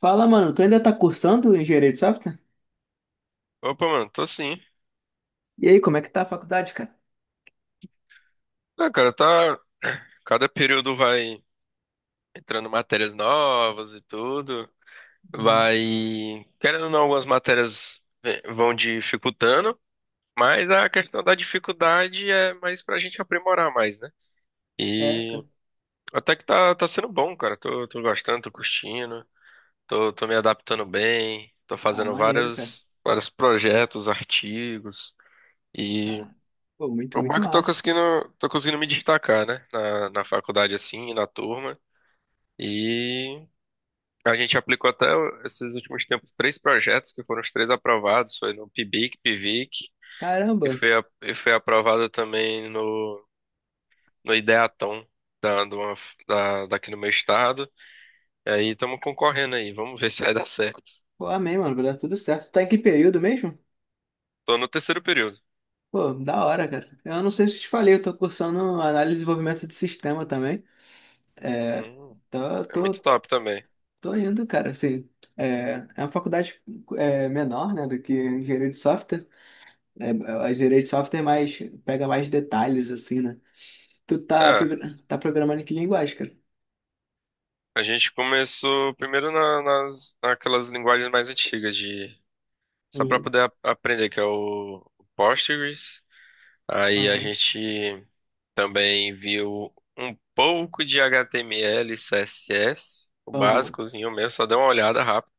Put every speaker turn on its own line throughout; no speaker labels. Fala, mano, tu ainda tá cursando engenharia de software?
Opa, mano, tô sim.
E aí, como é que tá a faculdade, cara?
Ah, cara, tá. Cada período vai entrando matérias novas e tudo.
Hum.
Vai. Querendo ou não, algumas matérias vão dificultando, mas a questão da dificuldade é mais pra gente aprimorar mais, né?
É,
E
cara.
até que tá sendo bom, cara. Tô gostando, tô curtindo, tô me adaptando bem, tô
Ah,
fazendo
maneiro, cara.
vários, vários projetos, artigos.
Ah, pô, muito,
O bom
muito
é que eu tô
massa.
conseguindo, tô conseguindo me destacar, né? Na faculdade, assim, na turma. E a gente aplicou até esses últimos tempos três projetos, que foram os três aprovados. Foi no PIBIC, PIVIC,
Caramba.
e foi aprovado também no Ideatom, da, de uma- da, daqui no meu estado. E aí estamos concorrendo aí, vamos ver se vai dar certo.
Pô, amém, mano. Vai dar tudo certo. Tá em que período mesmo?
Tô no terceiro período.
Pô, da hora, cara. Eu não sei se eu te falei, eu tô cursando análise e desenvolvimento de sistema também. É,
Hum,
tô,
É muito
tô,
top também.
tô indo, cara, assim. É, é uma faculdade é, menor, né, do que engenharia de software. É, a engenharia de software é mais, pega mais detalhes, assim, né? Tu tá,
É,
progra- tá programando em que linguagem, cara?
a gente começou primeiro naquelas linguagens mais antigas de. Só para
Uhum.
poder aprender, que é o Postgres. Aí a
Aham.
gente também viu um pouco de HTML, CSS, o
Aham.
básicozinho mesmo, só deu uma olhada rápida.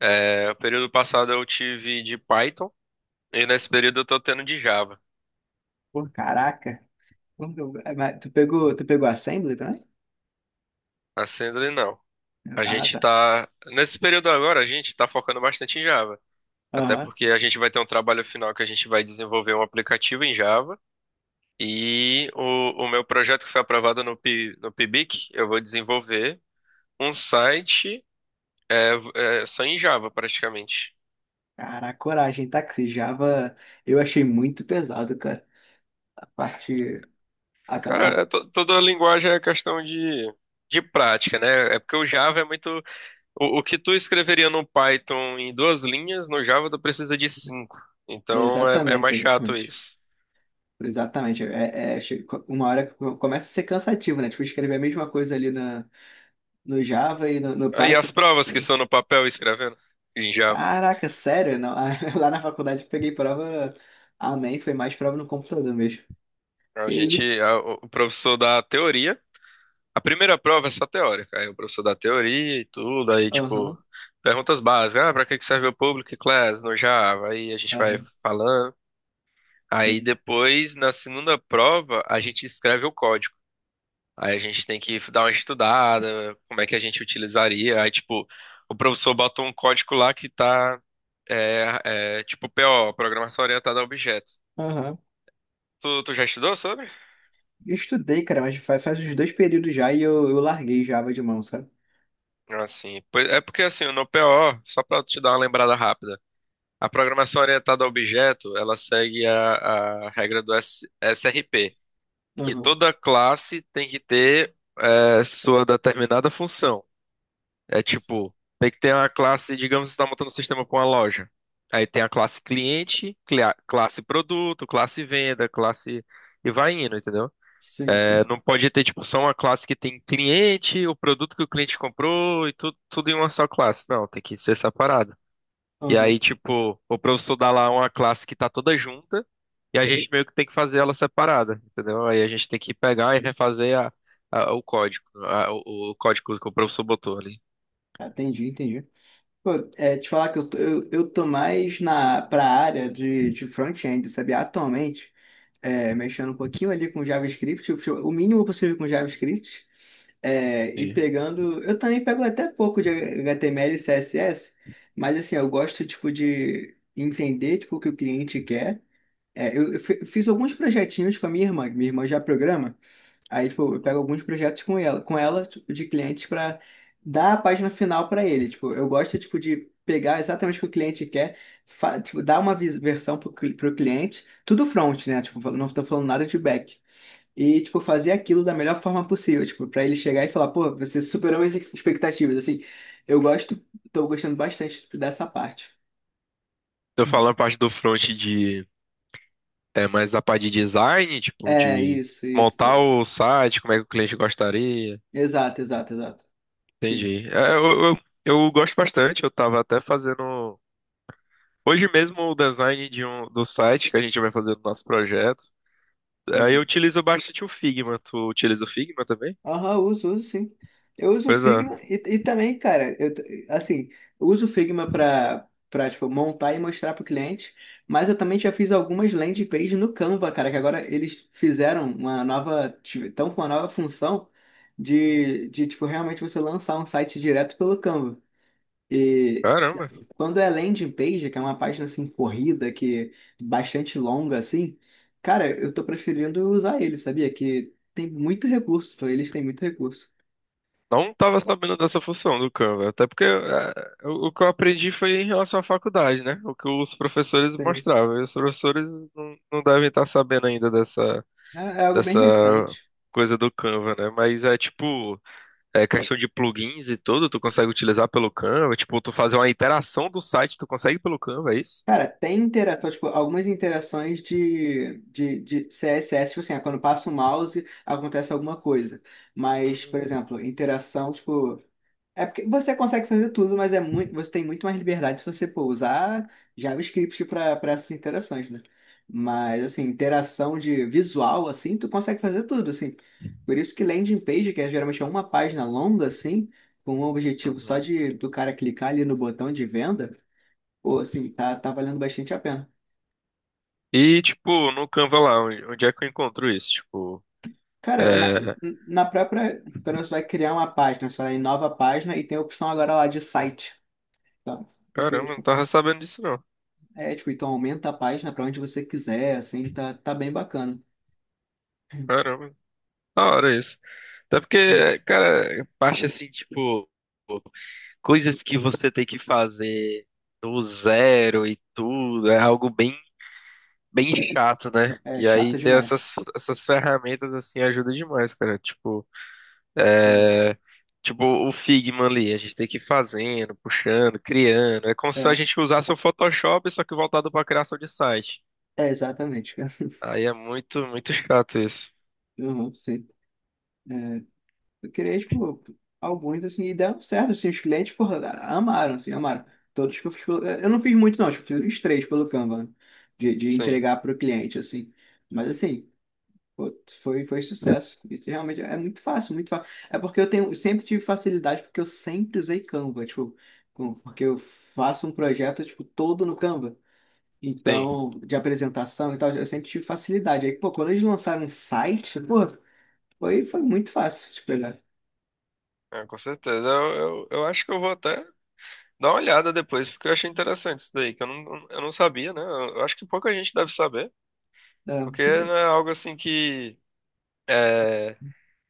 É, o período passado eu tive de Python e nesse período eu tô tendo de Java.
Pô, caraca. Como que é, mas tu pegou Assembly também?
Assim, não. A
Ah,
gente
tá.
tá. Nesse período agora, a gente tá focando bastante em Java. Até
Aham.
porque a gente vai ter um trabalho final que a gente vai desenvolver um aplicativo em Java. E o meu projeto que foi aprovado no Pibic eu vou desenvolver um site, é, só em Java, praticamente.
Caraca, coragem, tá? Que esse Java eu achei muito pesado, cara. A parte.
Cara, é
Aquela.
toda a linguagem é questão de prática, né? É porque o Java é muito. O que tu escreveria no Python em duas linhas, no Java tu precisa de cinco. Então é
Exatamente,
mais chato
exatamente.
isso.
Exatamente. Uma hora começa a ser cansativo, né? Tipo, escrever a mesma coisa ali no Java e no
Aí as
Python,
provas que
né?
são no papel escrevendo em Java.
Caraca, sério? Não, lá na faculdade eu peguei prova. Amém, foi mais prova no computador mesmo.
A
Que
gente,
isso?
a- o professor dá a teoria. A primeira prova é só teórica. Aí o professor dá teoria e tudo, aí
Aham,
tipo, perguntas básicas. Ah, pra que que serve o Public Class no Java? Aí a gente vai
aham,
falando. Aí
sim.
depois, na segunda prova, a gente escreve o código. Aí a gente tem que dar uma estudada, como é que a gente utilizaria. Aí, tipo, o professor bota um código lá que tá, tipo, PO, Programação Orientada a Objetos.
Aham.
Tu já estudou sobre?
Eu estudei, cara, mas faz uns dois períodos já e eu larguei Java de mão, sabe?
Assim, é porque assim, no PO, só pra te dar uma lembrada rápida. A programação orientada a objeto, ela segue a regra do SRP, que
Aham.
toda classe tem que ter sua determinada função. É tipo, tem que ter uma classe, digamos, você está montando um sistema para uma loja. Aí tem a classe cliente, classe produto, classe venda, classe... E vai indo, entendeu?
Sim,
É,
sim.
não pode ter, tipo, só uma classe que tem cliente, o produto que o cliente comprou e tudo, tudo em uma só classe. Não, tem que ser separado. E
Aham.
aí, tipo, o professor dá lá uma classe que tá toda junta e a gente meio que tem que fazer ela separada, entendeu? Aí a gente tem que pegar e refazer o código que o professor botou ali.
Entendi, entendi. Pô, te falar que eu tô mais pra área de front-end, sabe? Atualmente, mexendo um pouquinho ali com JavaScript, o mínimo possível com JavaScript, e pegando. Eu também pego até pouco de HTML e CSS, mas assim, eu gosto tipo, de entender tipo, o que o cliente quer. É, eu fiz alguns projetinhos com a minha irmã, que minha irmã já programa. Aí, tipo, eu pego alguns projetos com ela, tipo, de clientes para dar a página final para ele. Tipo, eu gosto, tipo, de pegar exatamente o que o cliente quer, tipo, dar uma versão pro cliente, tudo front, né? Tipo, não tô falando nada de back. E, tipo, fazer aquilo da melhor forma possível, tipo, para ele chegar e falar, pô, você superou as expectativas, assim. Eu gosto, tô gostando bastante tipo, dessa parte.
Eu falando na parte do front de. É mais a parte de design, tipo,
É,
de
isso,
montar
isso.
o site, como é que o cliente gostaria.
Exato, exato, exato.
Entendi. É, eu gosto bastante, eu tava até fazendo hoje mesmo o design do site que a gente vai fazer do nosso projeto. Aí eu
Uhum.
utilizo bastante o Figma. Tu utiliza o Figma também?
Aham, uso sim. Eu uso o
Pois
Figma
é.
e também, cara, assim, eu uso o Figma para tipo montar e mostrar pro cliente, mas eu também já fiz algumas landing pages no Canva, cara, que agora eles fizeram uma nova, estão com uma nova função de tipo realmente você lançar um site direto pelo Canva. E
Caramba.
quando é landing page, que é uma página assim corrida, que é bastante longa assim, cara, eu tô preferindo usar ele, sabia? Que tem muito recurso, eles têm muito recurso.
Não tava sabendo dessa função do Canva. Até porque o que eu aprendi foi em relação à faculdade, né? O que os professores
Tem.
mostravam. E os professores não devem estar sabendo ainda dessa,
É algo bem
dessa
recente.
coisa do Canva, né? Mas é tipo. É questão de plugins e tudo, tu consegue utilizar pelo Canva, tipo, tu fazer uma interação do site, tu consegue pelo Canva, é isso?
Cara, tem interação, tipo, algumas interações de CSS, tipo assim, ah, quando passa o mouse acontece alguma coisa. Mas, por
Hum,
exemplo, interação, tipo, é porque você consegue fazer tudo, mas é muito, você tem muito mais liberdade se você pô, usar JavaScript para essas interações, né? Mas assim, interação de visual assim, tu consegue fazer tudo, assim. Por isso que landing page, que é geralmente é uma página longa assim, com um objetivo só
uhum.
de do cara clicar ali no botão de venda. Pô, assim, tá valendo bastante a pena.
E, tipo, no Canva lá, onde é que eu encontro isso? Tipo,
Cara, na,
é...
na própria, quando você vai criar uma página, você vai em nova página e tem a opção agora lá de site. Tá? Então,
Caramba, não
tipo,
tava sabendo disso não.
tipo, então aumenta a página pra onde você quiser, assim, tá bem bacana.
Caramba, da hora isso. Até porque, cara, parte assim, tipo, coisas que você tem que fazer do zero e tudo, é algo bem, bem chato, né?
É
E aí
chata
ter
demais.
essas ferramentas, assim, ajuda demais, cara. Tipo.
Sim.
É. Tipo, o Figma ali, a gente tem que ir fazendo, puxando, criando. É como se a
É,
gente usasse o Photoshop, só que voltado pra criação de site.
é exatamente, cara.
Aí é muito, muito chato isso.
Uhum, sim. Eu criei, tipo, alguns, assim, e deram certo, assim, os clientes, porra, amaram, assim, amaram. Todos que eu fiz pelo. Eu não fiz muito, não, tipo, fiz uns três pelo Canva, né? De
Sim,
entregar para o cliente, assim. Mas, assim, pô, foi sucesso. E realmente é muito fácil, muito fácil. É porque eu tenho, sempre tive facilidade, porque eu sempre usei Canva, tipo, porque eu faço um projeto, tipo, todo no Canva.
sim.
Então, de apresentação e tal, eu sempre tive facilidade. Aí, pô, quando eles lançaram um site, pô, foi muito fácil de pegar.
É, com certeza. Eu acho que eu vou até dar uma olhada depois, porque eu achei interessante isso daí, que eu não sabia, né? Eu acho que pouca gente deve saber,
É.
porque não é algo assim que. É,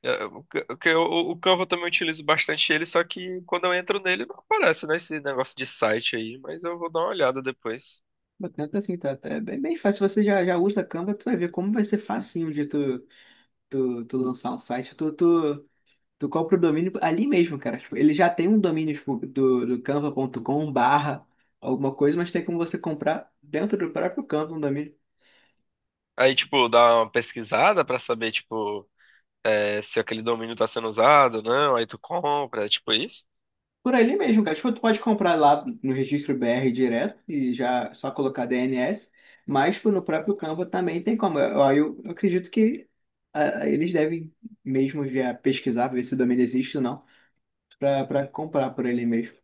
É, O ca- o que eu- o Canva eu também utilizo bastante ele, só que quando eu entro nele não aparece, né, esse negócio de site aí, mas eu vou dar uma olhada depois.
Tanto assim, é bem, bem fácil. Você já usa Canva, tu vai ver como vai ser facinho de tu, tu lançar um site. Tu compra o domínio ali mesmo, cara. Tipo, ele já tem um domínio tipo, do canva.com/ alguma coisa, mas tem como você comprar dentro do próprio Canva um domínio.
Aí, tipo, dá uma pesquisada pra saber, tipo, se aquele domínio tá sendo usado, não, aí tu compra, é tipo isso.
Por ali mesmo, cara. Tipo, tu pode comprar lá no registro BR direto e já só colocar DNS, mas tipo, no próprio Canva também tem como. Eu acredito que ah, eles devem mesmo já pesquisar, ver se o domínio existe ou não. Pra comprar por ele mesmo.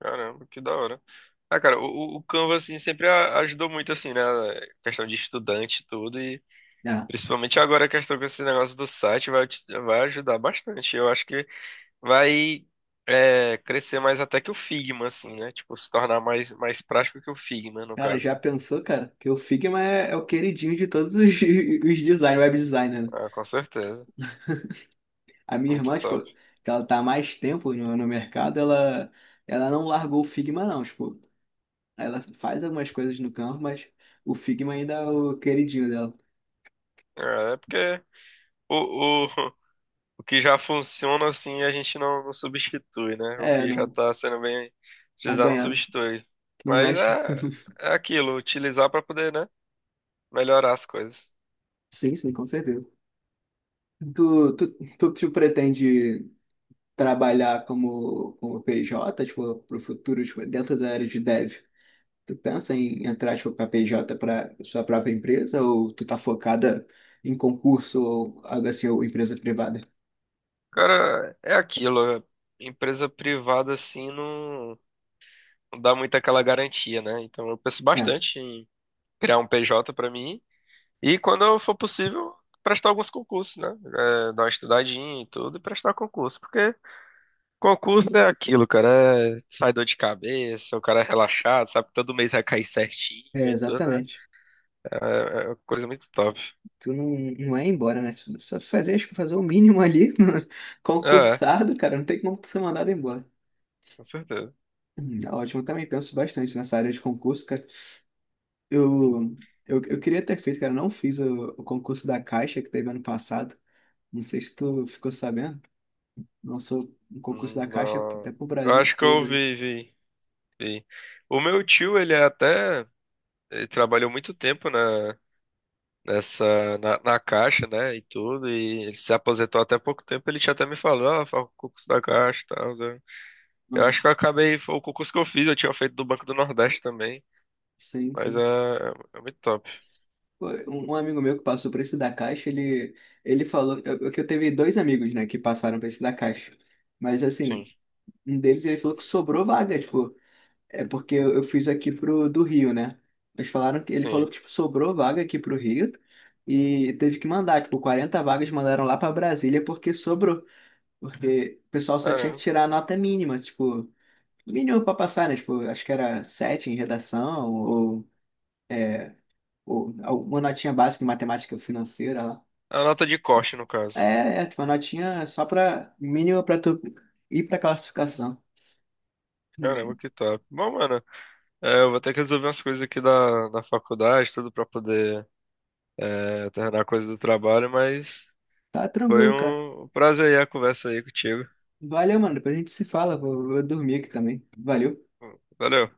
Caramba, que da hora. Ah, cara, o Canva, assim, sempre ajudou muito, assim, né, questão de estudante e tudo, e
Ah,
principalmente agora a questão com esse negócio do site vai ajudar bastante. Eu acho que vai crescer mais até que o Figma, assim, né? Tipo, se tornar mais, mais prático que o Figma, no
cara,
caso.
já pensou, cara? Que o Figma é o queridinho de todos os, os design, web designer, né?
Ah, com certeza.
A minha
Muito
irmã, tipo,
top.
que ela tá há mais tempo no mercado, ela, não largou o Figma, não. Tipo, ela faz algumas coisas no campo, mas o Figma ainda é o queridinho dela.
É porque o, o, o que já funciona, assim, a gente não substitui, né? O
É,
que já
não,
tá sendo bem
tá
utilizado, não
ganhando.
substitui.
Não
Mas
mexe.
é aquilo, utilizar para poder, né? Melhorar as coisas.
Sim, sim, com certeza. Tu, tu, tu pretende trabalhar como PJ, tipo, pro futuro, tipo, dentro da área de dev? Tu pensa em entrar, tipo, para PJ para sua própria empresa ou tu tá focada em concurso ou algo assim, ou empresa privada?
Cara, é aquilo. Empresa privada, assim, não dá muito aquela garantia, né? Então eu penso
É,
bastante criar um PJ pra mim e quando for possível prestar alguns concursos, né? É, dar uma estudadinha e tudo e prestar concurso, porque concurso é aquilo, cara, sai dor de cabeça, o cara é relaxado, sabe que todo mês vai cair certinho
é,
e tudo, né?
exatamente.
É, é uma coisa muito top.
Tu não é embora, né? Só fazer, acho que fazer o mínimo ali,
É,
concursado, cara, não tem como tu ser mandado embora.
com certeza.
Ótimo, também penso bastante nessa área de concurso, cara. Eu, eu queria ter feito, cara, não fiz o concurso da Caixa que teve ano passado. Não sei se tu ficou sabendo. Lançou um concurso da Caixa
Não,
até pro
eu
Brasil
acho que eu
todo.
vi. O meu tio, ele é até ele trabalhou muito tempo, né, na caixa, né, e tudo, e ele se aposentou até pouco tempo, ele tinha até me falado, ah, faz o concurso da caixa, e tal, né? Eu acho
Uhum.
que eu acabei, foi o concurso que eu fiz, eu tinha feito do Banco do Nordeste também,
Sim,
mas é,
sim.
é é muito top,
Pô, um amigo meu que passou por esse da Caixa, ele, falou que eu teve dois amigos, né, que passaram por esse da Caixa. Mas
sim,
assim, um deles ele falou que sobrou vaga, tipo, é porque eu fiz aqui pro do Rio, né? Eles falaram que ele
sim.
falou que tipo, sobrou vaga aqui pro Rio e teve que mandar, tipo, 40 vagas mandaram lá para Brasília porque sobrou. Porque o pessoal só tinha que
Caramba.
tirar a nota mínima, tipo, mínimo para passar, né? Tipo, acho que era 7 em redação, ou uma notinha básica em matemática financeira lá.
A nota de corte, no caso.
É, é, tipo, uma notinha só para mínima para tu ir para classificação.
Caramba,
Uhum.
que top. Bom, mano, eu vou ter que resolver umas coisas aqui da faculdade, tudo pra poder terminar a coisa do trabalho, mas
Tá
foi
tranquilo, cara.
um prazer aí a conversa aí contigo.
Valeu, mano. Depois a gente se fala. Vou dormir aqui também. Valeu.
Valeu.